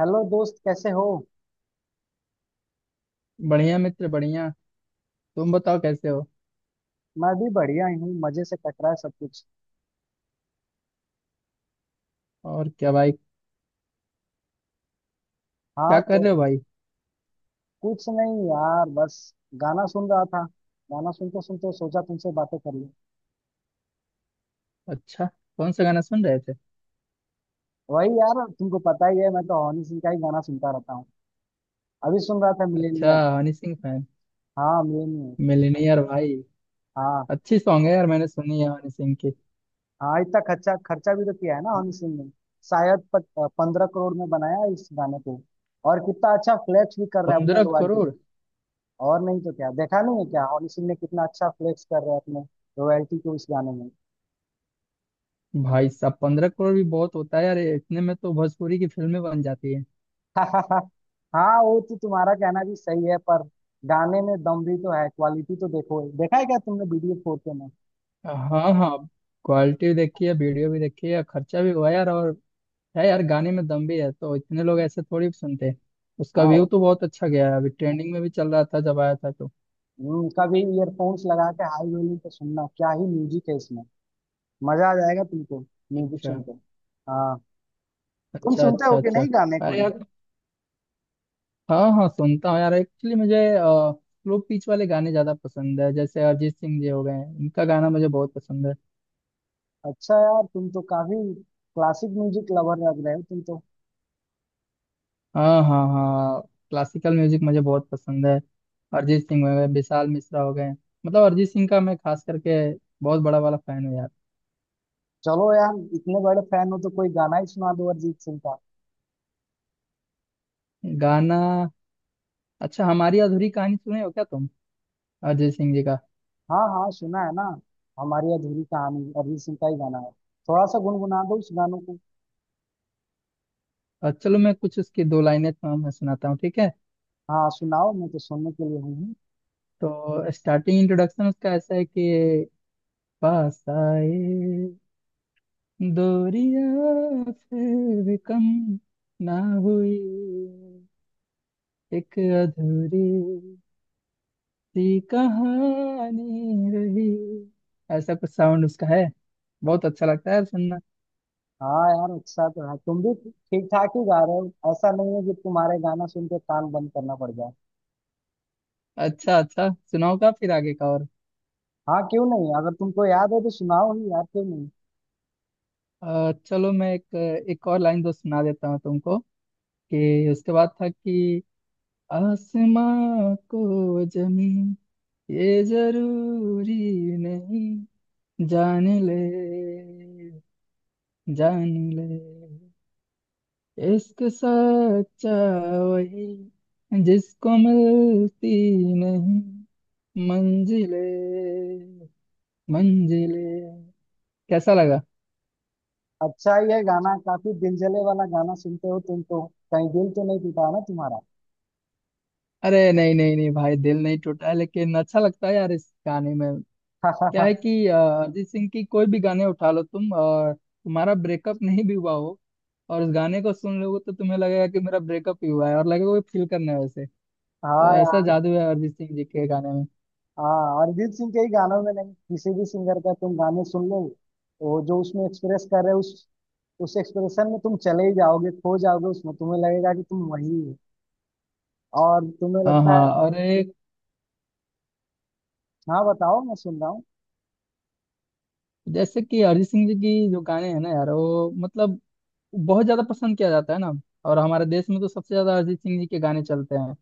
Hello दोस्त, कैसे हो। बढ़िया मित्र बढ़िया। तुम बताओ कैसे हो? मैं भी बढ़िया ही हूँ, मजे से कट रहा है सब कुछ। और क्या भाई? हाँ, क्या कर तो रहे हो भाई? कुछ नहीं यार, बस गाना सुन रहा था। गाना सुनते सुनते सोचा तुमसे बातें कर लूँ। अच्छा। कौन सा गाना सुन रहे थे? वही यार, तुमको पता ही है, मैं तो हनी सिंह का ही गाना सुनता रहता हूँ। अभी सुन रहा था अच्छा। मिलेनियर। हनी सिंह फैन? हाँ, मिलेनियर। मिलनियर भाई? हाँ, अच्छी सॉन्ग है यार, मैंने सुनी है हनी सिंह की। हाँ इतना खर्चा खर्चा भी तो किया है ना हनी सिंह ने। शायद 15 करोड़ में बनाया इस गाने को। और कितना अच्छा फ्लेक्स भी कर रहे हैं अपने पंद्रह रॉयल्टी करोड़ को। और नहीं तो क्या, देखा नहीं है क्या हनी सिंह ने कितना अच्छा फ्लेक्स कर रहे हैं अपने रॉयल्टी को इस गाने में। भाई साहब, 15 करोड़ भी बहुत होता है यार, इतने में तो भोजपुरी की फिल्में बन जाती है। हाँ, वो तो तुम्हारा कहना भी सही है, पर गाने में दम भी तो है। क्वालिटी तो देखो, देखा है क्या तुमने वीडियो फोर के में। हाँ हाँ। क्वालिटी भी देखी है, वीडियो भी देखी है, खर्चा भी हुआ है यार, और है यार, गाने में दम भी है तो इतने लोग ऐसे थोड़ी सुनते हैं। उसका व्यू तो हाँ। बहुत अच्छा गया है, अभी ट्रेंडिंग में भी चल रहा था जब आया था तो। कभी ईयरफोन्स लगा के हाई वॉल्यूम पे सुनना, क्या ही म्यूजिक है इसमें। मजा आ जाएगा तुमको म्यूजिक अच्छा सुन के। हाँ। तुम अच्छा सुनते अच्छा। हो कि अच्छा। नहीं गाने अरे कोई। यार, हाँ हाँ सुनता हूँ यार, एक्चुअली मुझे स्लो पिच वाले गाने ज्यादा पसंद है, जैसे अरिजीत सिंह जी हो गए हैं, इनका गाना मुझे बहुत पसंद है। अच्छा यार, तुम तो काफी क्लासिक म्यूजिक लवर लग रहे हो तुम तो। हाँ हाँ हाँ। क्लासिकल म्यूजिक मुझे बहुत पसंद है। अरिजीत सिंह हो गए, विशाल मिश्रा हो गए। मतलब अरिजीत सिंह का मैं खास करके बहुत बड़ा वाला फैन हूँ यार। चलो यार, इतने बड़े फैन हो तो कोई गाना ही सुना दो अरिजीत सिंह का। गाना? अच्छा, हमारी अधूरी कहानी सुने हो क्या तुम? अरिजीत सिंह जी का? हाँ हाँ, सुना है ना। हमारी अधूरी कहानी अरिजीत सिंह का ही गाना है। थोड़ा सा गुनगुना दो उस गानों को। चलो मैं कुछ उसकी दो लाइनें तुम्हें सुनाता हूँ, ठीक है? हाँ सुनाओ, मैं तो सुनने के लिए हूँ ही। तो स्टार्टिंग इंट्रोडक्शन उसका ऐसा है कि पास आए, दूरियां फिर कम ना हुई, एक अधूरी सी कहानी रही। ऐसा कुछ साउंड उसका है, बहुत अच्छा लगता है यार सुनना। हाँ यार, अच्छा तो है, तुम भी ठीक ठाक ही गा रहे हो, ऐसा नहीं है कि तुम्हारे गाना सुन के कान बंद करना पड़ जाए। अच्छा अच्छा। सुनाओगा फिर आगे का और? हाँ क्यों नहीं, अगर तुमको याद है तो सुनाओ ही यार, क्यों नहीं। चलो मैं एक एक और लाइन तो सुना देता हूँ तुमको, कि उसके बाद था कि आसमां को जमी ये जरूरी नहीं, जान ले जान ले इश्क सच्चा वही, जिसको मिलती नहीं मंजिले मंजिले। कैसा लगा? अच्छा ही है गाना, काफी दिलजले वाला गाना सुनते हो तुम तो। कहीं दिल तो नहीं टूटा ना तुम्हारा। अरे नहीं नहीं नहीं भाई, दिल नहीं टूटा, लेकिन अच्छा लगता है यार। इस गाने में क्या है कि अरिजीत सिंह की कोई भी गाने उठा लो तुम, और तुम्हारा ब्रेकअप नहीं भी हुआ हो और उस गाने को सुन लोगे, तो तुम्हें लगेगा कि मेरा ब्रेकअप ही हुआ है, और लगेगा कोई फील करना है वैसे। तो हाँ ऐसा यार। जादू है अरिजीत सिंह जी के गाने में। हाँ, अरिजीत सिंह के ही गानों में नहीं, किसी भी सिंगर का तुम गाने सुन लो, वो जो उसमें एक्सप्रेस कर रहे हो उस एक्सप्रेशन में तुम चले ही जाओगे, खो जाओगे उसमें, तुम्हें लगेगा कि तुम वही हो और तुम्हें हाँ लगता हाँ। है। और एक, हाँ बताओ, मैं सुन रहा हूँ। जैसे कि अरिजीत सिंह जी की जो गाने हैं ना यार, वो मतलब बहुत ज्यादा पसंद किया जाता है ना। और हमारे देश में तो सबसे ज्यादा अरिजीत सिंह जी के गाने चलते हैं।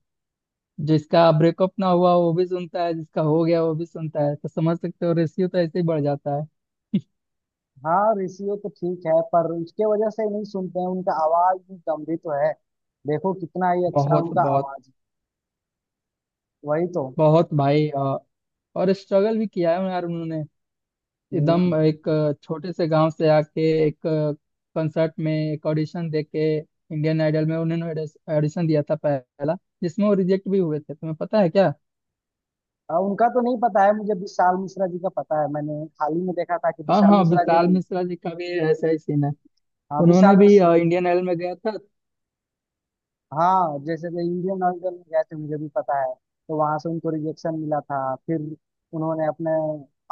जिसका ब्रेकअप ना हुआ वो भी सुनता है, जिसका हो गया वो भी सुनता है, तो समझ सकते हो, रेशियो तो ऐसे ही बढ़ जाता है। हाँ ऋषि हो तो ठीक है, पर उसके वजह से ही नहीं सुनते हैं, उनका आवाज भी गंभीर तो है। देखो कितना ही अच्छा बहुत उनका बहुत आवाज है। वही तो। बहुत भाई। और स्ट्रगल भी किया है यार उन्होंने। एकदम हम्म। एक छोटे से गांव से आके, एक कंसर्ट में, एक ऑडिशन दे के इंडियन आइडल में उन्होंने ऑडिशन दिया था पहला, जिसमें वो रिजेक्ट भी हुए थे, तुम्हें पता है क्या? अब उनका तो नहीं पता है मुझे, विशाल मिश्रा जी का पता है। मैंने हाल ही में देखा था कि हाँ विशाल हाँ, मिश्रा जी विशाल भी-। मिश्रा जी का भी ऐसा ही सीन है। हाँ, उन्होंने विशाल भी मिश्रा। इंडियन आइडल में गया था। हाँ जैसे कि इंडियन ऑयल में गए थे, मुझे भी पता है। तो वहां से उनको रिजेक्शन मिला था। फिर उन्होंने अपने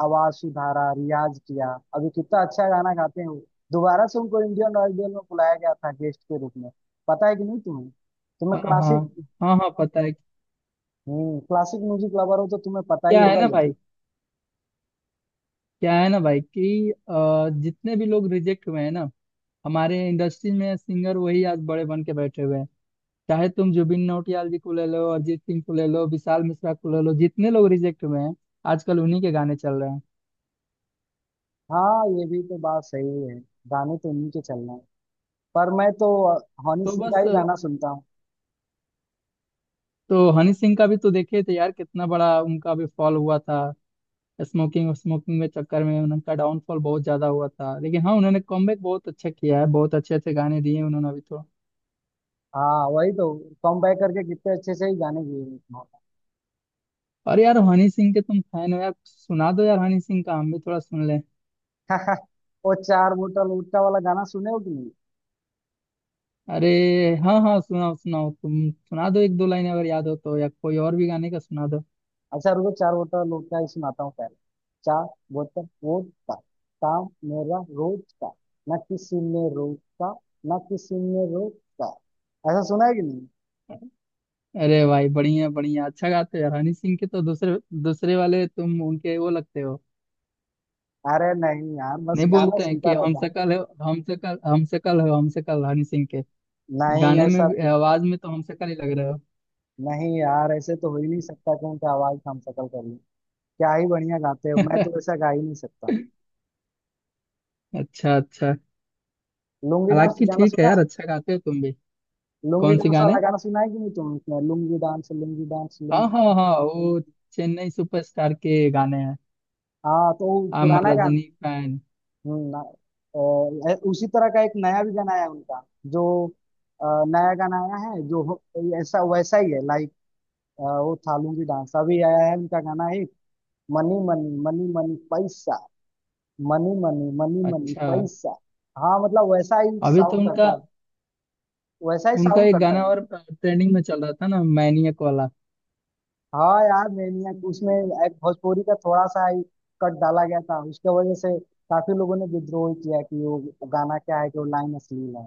आवाज सुधारा, रियाज किया। अभी कितना अच्छा गाना गाते हैं वो। दोबारा से उनको इंडियन ऑयल में बुलाया गया था गेस्ट के रूप में। पता है कि नहीं तुम्हें। तुम्हें हाँ हाँ क्लासिक। हाँ। हाँ पता है। क्लासिक म्यूजिक लवर हो तो तुम्हें पता ही क्या है होगा ना ये। भाई, क्या है ना भाई कि जितने भी लोग रिजेक्ट हुए हैं ना हमारे इंडस्ट्री में सिंगर, वही आज बड़े बन के बैठे हुए हैं। चाहे तुम जुबिन नौटियाल जी को ले लो, अरिजीत सिंह को ले लो, विशाल मिश्रा को ले लो, जितने लोग रिजेक्ट हुए हैं आजकल उन्हीं के गाने चल रहे हैं। हाँ ये भी तो बात सही है। गाने तो उन्हीं के चलना है। पर मैं तो हनी तो सिंह का बस। ही गाना सुनता हूँ। तो हनी सिंह का भी तो देखे थे यार, कितना बड़ा उनका भी फॉल हुआ था। स्मोकिंग स्मोकिंग में चक्कर में उनका डाउनफॉल बहुत ज्यादा हुआ था, लेकिन हाँ उन्होंने कमबैक बहुत अच्छा किया है, बहुत अच्छे अच्छे गाने दिए उन्होंने अभी तो। हाँ वही तो। कम बैक करके कितने अच्छे से ही गाने गए और यार हनी सिंह के तुम फैन हो यार, सुना दो यार हनी सिंह का, हम भी थोड़ा सुन लें। हैं। वो चार बोतल वोडका वाला गाना सुने हो कि नहीं। अरे हाँ हाँ, सुनाओ सुनाओ, तुम सुना दो एक दो लाइन, अगर याद हो तो, या कोई और भी गाने का सुना दो। अच्छा रुको, चार बोतल वोडका ही सुनाता हूँ पहले। चार बोतल वोडका, काम मेरा रोज का, न किसी ने रोका, न किसी ने रोका। ऐसा सुना है कि नहीं। अरे भाई बढ़िया बढ़िया, अच्छा गाते हो यार, हनी सिंह के तो दूसरे दूसरे वाले तुम उनके वो लगते हो। अरे नहीं यार, बस नहीं, गाना बोलते हैं सुनता कि हम रहता हूँ। शकल है, हम शकल हो, हम शकल हनी सिंह के। नहीं गाने में ऐसा भी- तो। आवाज में तो हम शकल ही लग रहे हो। नहीं यार, ऐसे तो हो ही नहीं सकता कि उनका आवाज हम शकल कर लूं। क्या ही बढ़िया गाते हो, मैं तो ऐसा गा ही नहीं सकता हूँ। अच्छा अच्छा। लुंगी डांस हालांकि गाना ठीक है सुना। यार, अच्छा गाते हो तुम भी। लुंगी कौन से डांस गाने? वाला गाना सुना है कि नहीं तुमने, लुंगी डांस लुंगी डांस हाँ हाँ लुंगी। हाँ, वो चेन्नई सुपरस्टार के गाने हैं, हाँ तो वो आई एम पुराना गाना। रजनी फैन। हम्म, ना- उसी तरह का एक नया भी गाना आया उनका जो नया गाना आया है ऐसा वैसा ही है लाइक। वो थालूं की डांस अभी आया है उनका गाना ही। मनी मनी मनी मनी पैसा, मनी मनी मनी मनी अच्छा। पैसा। हाँ मतलब वैसा ही अभी तो साउंड करता उनका, है। वैसा ही उनका साउंड एक करता गाना है। और ट्रेंडिंग में चल रहा था ना, मैनियक वाला। हाँ यार मैंने उसमें एक भोजपुरी का थोड़ा सा ही कट डाला गया था, उसके वजह से काफी लोगों ने विद्रोह किया कि वो गाना क्या है कि वो लाइन अश्लील है।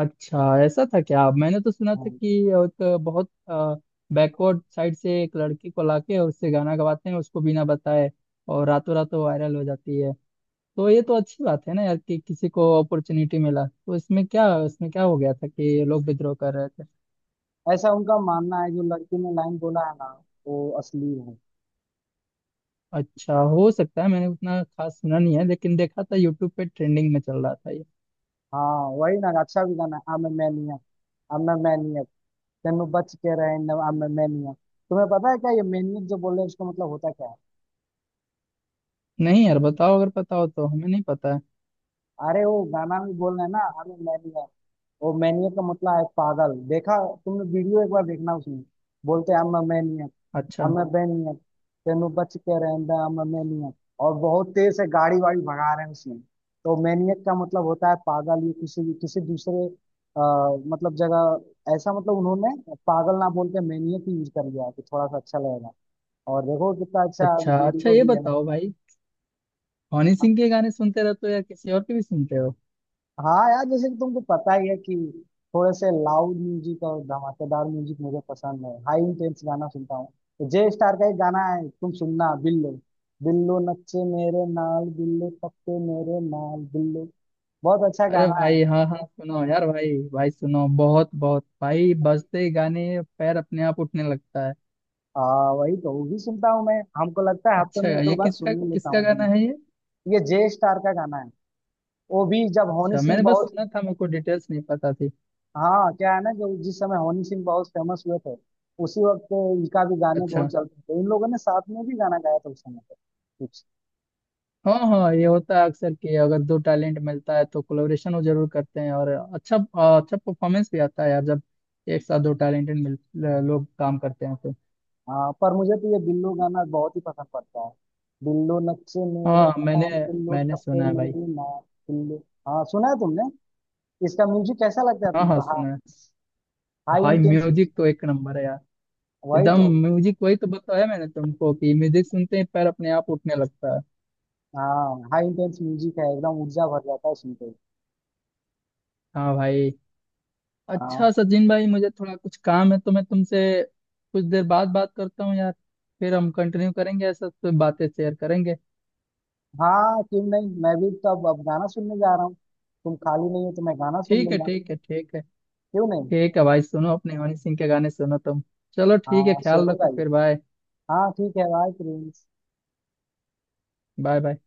अच्छा, ऐसा था क्या? मैंने तो सुना था हाँ। कि एक बहुत बैकवर्ड साइड से एक लड़की को लाके और उससे गाना गवाते हैं उसको बिना बताए, और रातों रातों वायरल हो जाती है। तो ये तो अच्छी बात है ना यार, कि किसी को अपॉर्चुनिटी मिला, तो इसमें क्या, इसमें क्या हो गया था कि ये लोग विद्रोह कर रहे थे? ऐसा उनका मानना है, जो लड़की ने लाइन बोला है ना, वो असली है। अच्छा, हो सकता है, मैंने उतना खास सुना नहीं है, लेकिन देखा था यूट्यूब पे ट्रेंडिंग में चल रहा था ये। हाँ वही ना, अच्छा भी गाना है। I'm a maniac, I'm a maniac, तेनू बच के रहे न, I'm a maniac। तुम्हें पता है क्या ये मैनियक जो बोल रहे हैं इसका मतलब होता क्या है। नहीं यार बताओ, अगर पता हो तो, हमें नहीं पता है। अरे वो गाना में बोल रहे हैं ना I'm a maniac, वो मैनियक का मतलब है पागल। देखा तुमने वीडियो, एक बार देखना उसमें बोलते हैं I'm a maniac, अच्छा अमेबेनियन, तेनू बच के रहंदा अमेबेनियन। और बहुत तेज से गाड़ी वाड़ी भगा रहे हैं उसमें। तो मैनियक का मतलब होता है पागल, ये किसी किसी दूसरे मतलब जगह ऐसा, मतलब उन्होंने पागल ना बोल के मैनियक यूज कर लिया है, तो थोड़ा सा अच्छा लगेगा। और देखो कितना अच्छा अच्छा। अच्छा वीडियो ये भी है। बताओ भाई, हनी सिंह के गाने सुनते रहते हो या किसी और के भी सुनते हो? हाँ यार जैसे कि तुमको पता ही है कि थोड़े से लाउड म्यूजिक और धमाकेदार म्यूजिक मुझे पसंद है, हाई इंटेंस गाना सुनता हूँ। तो जे स्टार का एक गाना है, तुम सुनना, बिल्लो। बिल्लो नच्चे मेरे नाल, बिल्लो पक्के मेरे नाल, बिल्लो। बहुत अच्छा अरे गाना है। भाई हाँ हाँ सुनो यार, भाई भाई सुनो, बहुत बहुत भाई, बजते ही गाने पैर अपने आप उठने लगता है। वही तो, वो भी सुनता हूँ मैं। हमको लगता है हफ्ते अच्छा में एक दो ये बार किसका सुन ही लेता किसका हूँ भी। गाना है ये? ये जे स्टार का गाना है। वो भी जब हनी अच्छा, सिंह मैंने बस बहुत। सुना था, मेरे को डिटेल्स नहीं पता थी। हाँ क्या है ना, जो जिस समय हनी सिंह बहुत फेमस हुए थे, उसी वक्त इनका भी गाने अच्छा बहुत चलते थे। इन लोगों ने साथ में भी गाना गाया था उस समय पे कुछ। हाँ हाँ, ये होता है अक्सर कि अगर दो टैलेंट मिलता है तो कोलेबोरेशन वो जरूर करते हैं, और अच्छा अच्छा परफॉर्मेंस भी आता है यार, जब एक साथ दो टैलेंटेड मिल लोग काम करते हैं तो। हाँ पर मुझे तो ये बिल्लो गाना बहुत ही पसंद पड़ता है। बिल्लो नक्शे मेरे हाँ मैंने नाम, बिल्लो मैंने टप्पे सुना है भाई। मेरी नाम, बिल्लो। हाँ सुना है तुमने, इसका म्यूजिक कैसा लगता है हाँ तुमको। हाँ हाँ सुना है। हाई भाई इंटेंस म्यूजिक। म्यूजिक तो एक नंबर है यार। वही एकदम तो। म्यूजिक, वही तो बताया मैंने तुमको कि म्यूजिक सुनते ही पैर अपने आप उठने लगता है। हाँ हाई इंटेंस म्यूजिक है, एकदम ऊर्जा भर जाता है सुनते ही। हाँ भाई। हाँ। अच्छा सचिन भाई, मुझे थोड़ा कुछ काम है तो मैं तुमसे कुछ देर बाद बात करता हूँ यार, फिर हम कंटिन्यू करेंगे, ऐसा तो बातें शेयर करेंगे। हाँ क्यों नहीं, मैं भी तो अब गाना सुनने जा रहा हूँ। तुम खाली नहीं हो तो मैं गाना सुन ठीक है लूंगा। ठीक है ठीक है। क्यों नहीं। ठीक है भाई, सुनो अपने हनी सिंह के गाने सुनो तुम। चलो ठीक है, हाँ ख्याल सुनो रखो भाई। फिर, बाय। हाँ ठीक है, बाय प्रिंस। Bye bye.